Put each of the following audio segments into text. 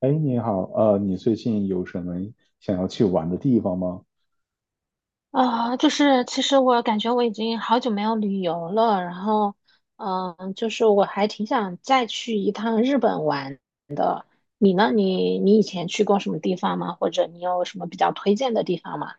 哎，你好，你最近有什么想要去玩的地方吗？就是其实我感觉我已经好久没有旅游了，然后，就是我还挺想再去一趟日本玩。你呢？你以前去过什么地方吗？或者你有什么比较推荐的地方吗？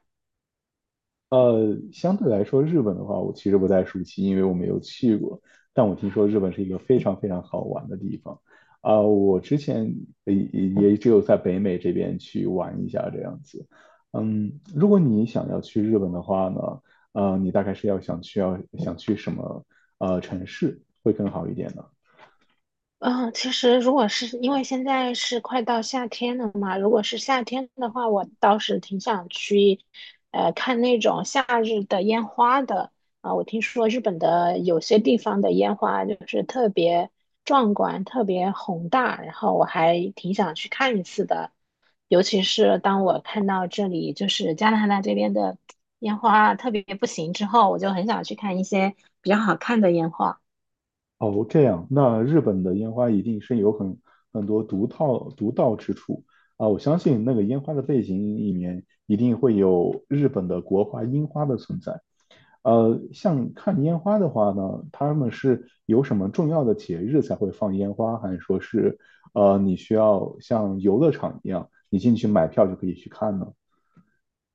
相对来说，日本的话，我其实不太熟悉，因为我没有去过。但我听说日本是一个非常非常好玩的地方，我之前也只有在北美这边去玩一下这样子。嗯，如果你想要去日本的话呢，你大概是要想去什么城市会更好一点呢？嗯，其实如果是因为现在是快到夏天了嘛，如果是夏天的话，我倒是挺想去，看那种夏日的烟花的。我听说日本的有些地方的烟花就是特别壮观、特别宏大，然后我还挺想去看一次的。尤其是当我看到这里就是加拿大这边的烟花特别不行之后，我就很想去看一些比较好看的烟花。哦，这样，那日本的烟花一定是有很多独到之处啊！我相信那个烟花的背景里面一定会有日本的国花樱花的存在。像看烟花的话呢，他们是有什么重要的节日才会放烟花，还是说是你需要像游乐场一样，你进去买票就可以去看呢？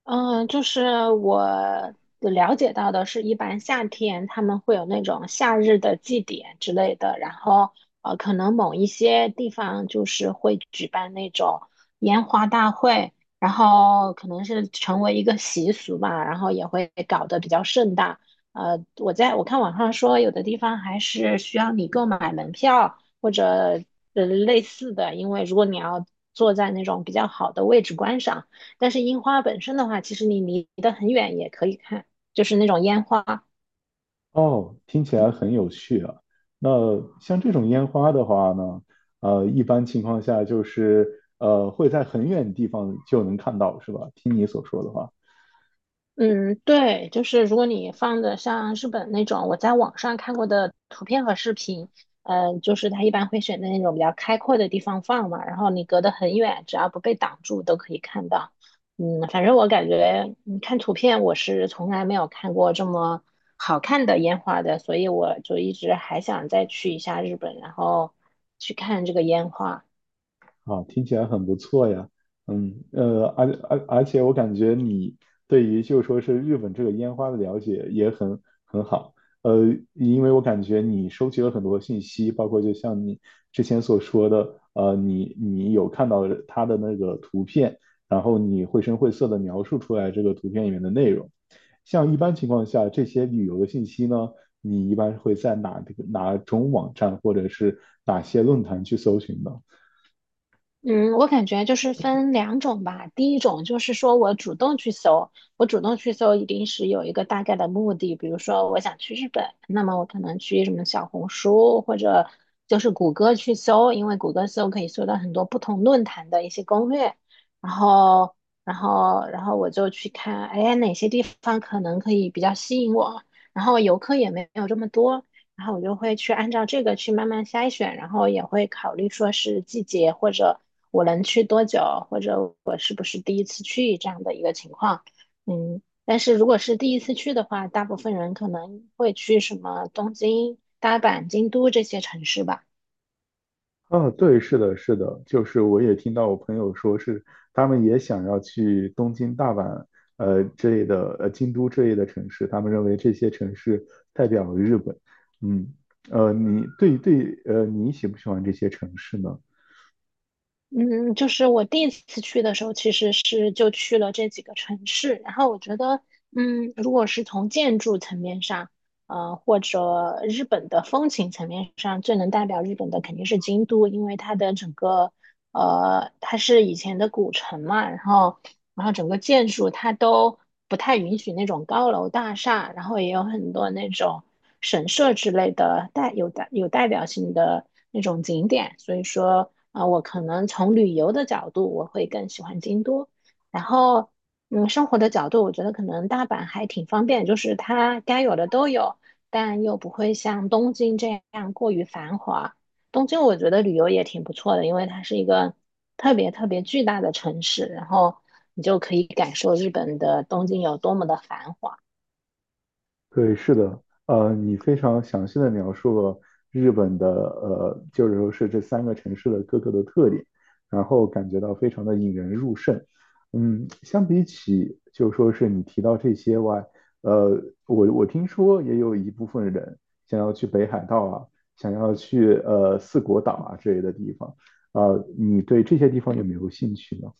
嗯，就是我了解到的是，一般夏天他们会有那种夏日的祭典之类的，然后可能某一些地方就是会举办那种烟花大会，然后可能是成为一个习俗吧，然后也会搞得比较盛大。我在我看网上说，有的地方还是需要你购买门票或者类似的，因为如果你要坐在那种比较好的位置观赏。但是樱花本身的话，其实你离得很远也可以看，就是那种烟花。哦，听起来很有趣啊。那像这种烟花的话呢，一般情况下就是会在很远的地方就能看到，是吧？听你所说的话。嗯，对，就是如果你放的像日本那种，我在网上看过的图片和视频，就是它一般会选择那种比较开阔的地方放嘛，然后你隔得很远，只要不被挡住都可以看到。嗯，反正我感觉，嗯，看图片我是从来没有看过这么好看的烟花的，所以我就一直还想再去一下日本，然后去看这个烟花。啊，听起来很不错呀。嗯，而且我感觉你对于就说是日本这个烟花的了解也很好。呃，因为我感觉你收集了很多信息，包括就像你之前所说的，你有看到它的那个图片，然后你绘声绘色的描述出来这个图片里面的内容。像一般情况下，这些旅游的信息呢，你一般会在哪种网站或者是哪些论坛去搜寻呢？嗯，我感觉就是分两种吧。第一种就是说我主动去搜，我主动去搜一定是有一个大概的目的，比如说我想去日本，那么我可能去什么小红书或者就是谷歌去搜，因为谷歌搜可以搜到很多不同论坛的一些攻略，然后然后我就去看，哎，哪些地方可能可以比较吸引我，然后游客也没有这么多。然后我就会去按照这个去慢慢筛选，然后也会考虑说是季节或者我能去多久，或者我是不是第一次去这样的一个情况。嗯，但是如果是第一次去的话，大部分人可能会去什么东京、大阪、京都这些城市吧。啊，对，是的，是的，就是我也听到我朋友说是，他们也想要去东京、大阪，之类的，京都之类的城市，他们认为这些城市代表了日本。嗯，你对对，你喜不喜欢这些城市呢？嗯，就是我第一次去的时候，其实是就去了这几个城市，然后我觉得，嗯，如果是从建筑层面上，或者日本的风情层面上，最能代表日本的肯定是京都，因为它的整个，它是以前的古城嘛，然后，然后整个建筑它都不太允许那种高楼大厦，然后也有很多那种神社之类的代表性的那种景点，所以说。我可能从旅游的角度，我会更喜欢京都。然后，嗯，生活的角度，我觉得可能大阪还挺方便，就是它该有的都有，但又不会像东京这样过于繁华。东京我觉得旅游也挺不错的，因为它是一个特别特别巨大的城市，然后你就可以感受日本的东京有多么的繁华。对，是的，你非常详细的描述了日本的就是说是这三个城市的各个的特点，然后感觉到非常的引人入胜。嗯，相比起就说是你提到这些外，呃，我听说也有一部分人想要去北海道啊，想要去四国岛啊之类的地方，你对这些地方有没有兴趣呢？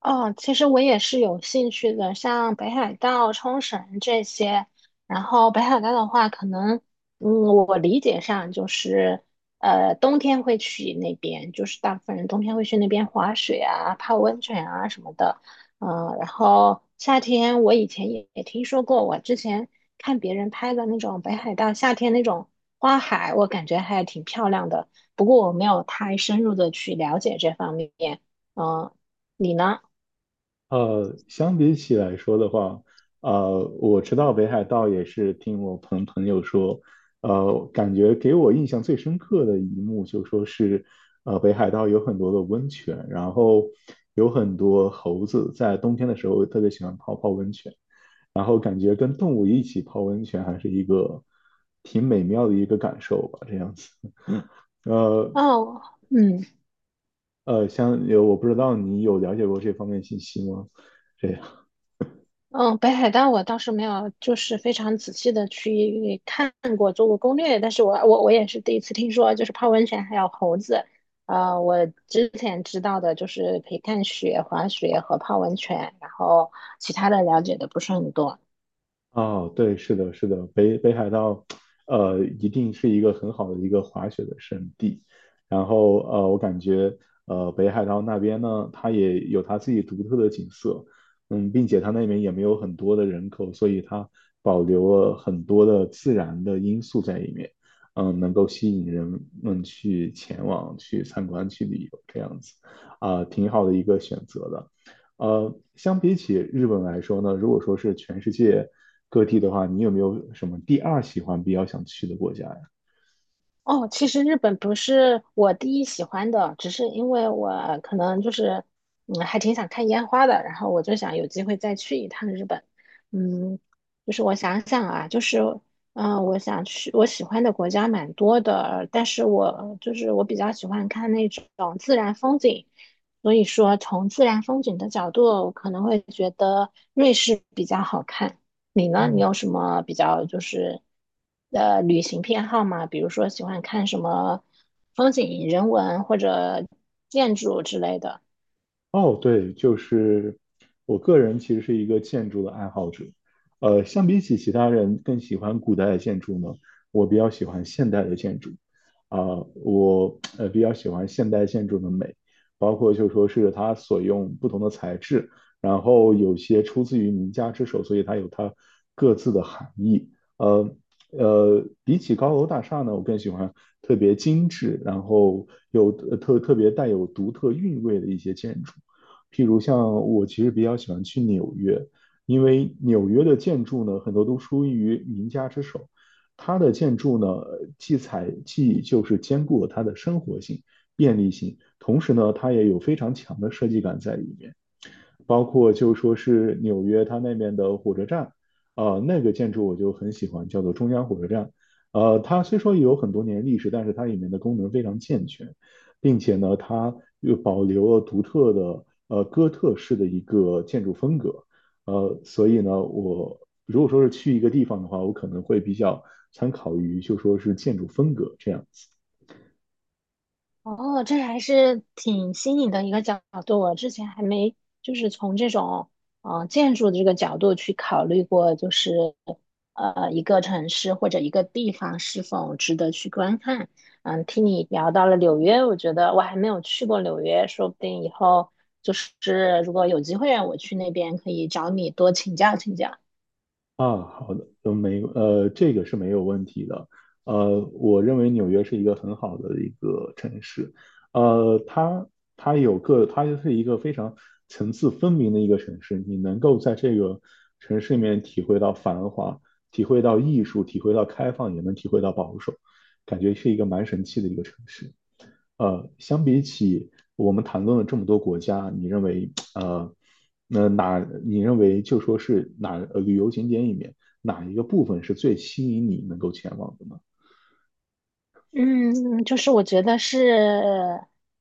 哦，其实我也是有兴趣的，像北海道、冲绳这些。然后北海道的话，可能，嗯，我理解上就是，冬天会去那边，就是大部分人冬天会去那边滑雪啊、泡温泉啊什么的。然后夏天我以前也听说过，我之前看别人拍的那种北海道夏天那种花海，我感觉还挺漂亮的。不过我没有太深入的去了解这方面。嗯、你呢？相比起来说的话，我知道北海道也是听我朋友说，感觉给我印象最深刻的一幕就说是，北海道有很多的温泉，然后有很多猴子在冬天的时候特别喜欢泡泡温泉，然后感觉跟动物一起泡温泉还是一个挺美妙的一个感受吧，这样子。呃哦，嗯像有我不知道你有了解过这方面信息吗？这样。嗯，北海道我倒是没有，就是非常仔细的去看过，做过攻略，但是我也是第一次听说，就是泡温泉还有猴子。我之前知道的就是可以看雪、滑雪和泡温泉，然后其他的了解的不是很多。哦，对，是的，是的，北海道，一定是一个很好的一个滑雪的圣地。然后，我感觉，北海道那边呢，它也有它自己独特的景色，嗯，并且它那边也没有很多的人口，所以它保留了很多的自然的因素在里面，嗯，能够吸引人们去前往、去参观、去旅游这样子，挺好的一个选择的。相比起日本来说呢，如果说是全世界各地的话，你有没有什么第二喜欢比较想去的国家呀？哦，其实日本不是我第一喜欢的，只是因为我可能就是，嗯，还挺想看烟花的，然后我就想有机会再去一趟日本。嗯，就是我想想啊，就是，我想去我喜欢的国家蛮多的，但是我就是我比较喜欢看那种自然风景，所以说从自然风景的角度，我可能会觉得瑞士比较好看。你呢？你有嗯。什么比较就是旅行偏好吗？比如说喜欢看什么风景、人文或者建筑之类的？哦，对，就是我个人其实是一个建筑的爱好者，相比起其他人更喜欢古代的建筑呢，我比较喜欢现代的建筑，啊、我比较喜欢现代建筑的美，包括就说是它所用不同的材质，然后有些出自于名家之手，所以它有它各自的含义，呃比起高楼大厦呢，我更喜欢特别精致，然后有特别带有独特韵味的一些建筑。譬如像我其实比较喜欢去纽约，因为纽约的建筑呢，很多都出于名家之手。它的建筑呢，既采既就是兼顾了它的生活性、便利性，同时呢，它也有非常强的设计感在里面。包括就说是纽约它那边的火车站，那个建筑我就很喜欢，叫做中央火车站。它虽说有很多年历史，但是它里面的功能非常健全，并且呢，它又保留了独特的哥特式的一个建筑风格。所以呢，我如果说是去一个地方的话，我可能会比较参考于就说是建筑风格这样子。哦，这还是挺新颖的一个角度，我之前还没就是从这种建筑的这个角度去考虑过，就是一个城市或者一个地方是否值得去观看。嗯，听你聊到了纽约，我觉得我还没有去过纽约，说不定以后就是如果有机会让我去那边，可以找你多请教请教。啊，好的，呃，没，呃，这个是没有问题的。我认为纽约是一个很好的一个城市，它它有个，它就是一个非常层次分明的一个城市，你能够在这个城市里面体会到繁华，体会到艺术，体会到开放，也能体会到保守，感觉是一个蛮神奇的一个城市。相比起我们谈论了这么多国家，你认为那哪你认为就说是哪旅游景点里面哪一个部分是最吸引你能够前往的呢？嗯，就是我觉得是，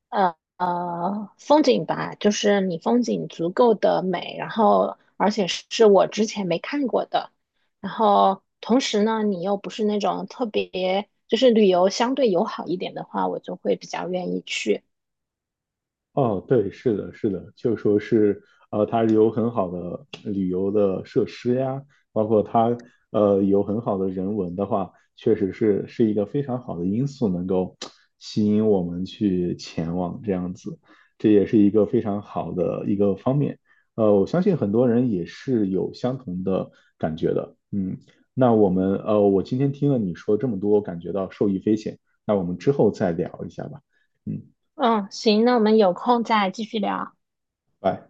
风景吧，就是你风景足够的美，然后而且是我之前没看过的，然后同时呢，你又不是那种特别，就是旅游相对友好一点的话，我就会比较愿意去。哦，对，是的，是的，就说是，它有很好的旅游的设施呀，包括它，有很好的人文的话，确实是一个非常好的因素，能够吸引我们去前往这样子，这也是一个非常好的一个方面。我相信很多人也是有相同的感觉的。嗯，那我们，我今天听了你说这么多，感觉到受益匪浅。那我们之后再聊一下吧。嗯，嗯，行，那我们有空再继续聊。拜。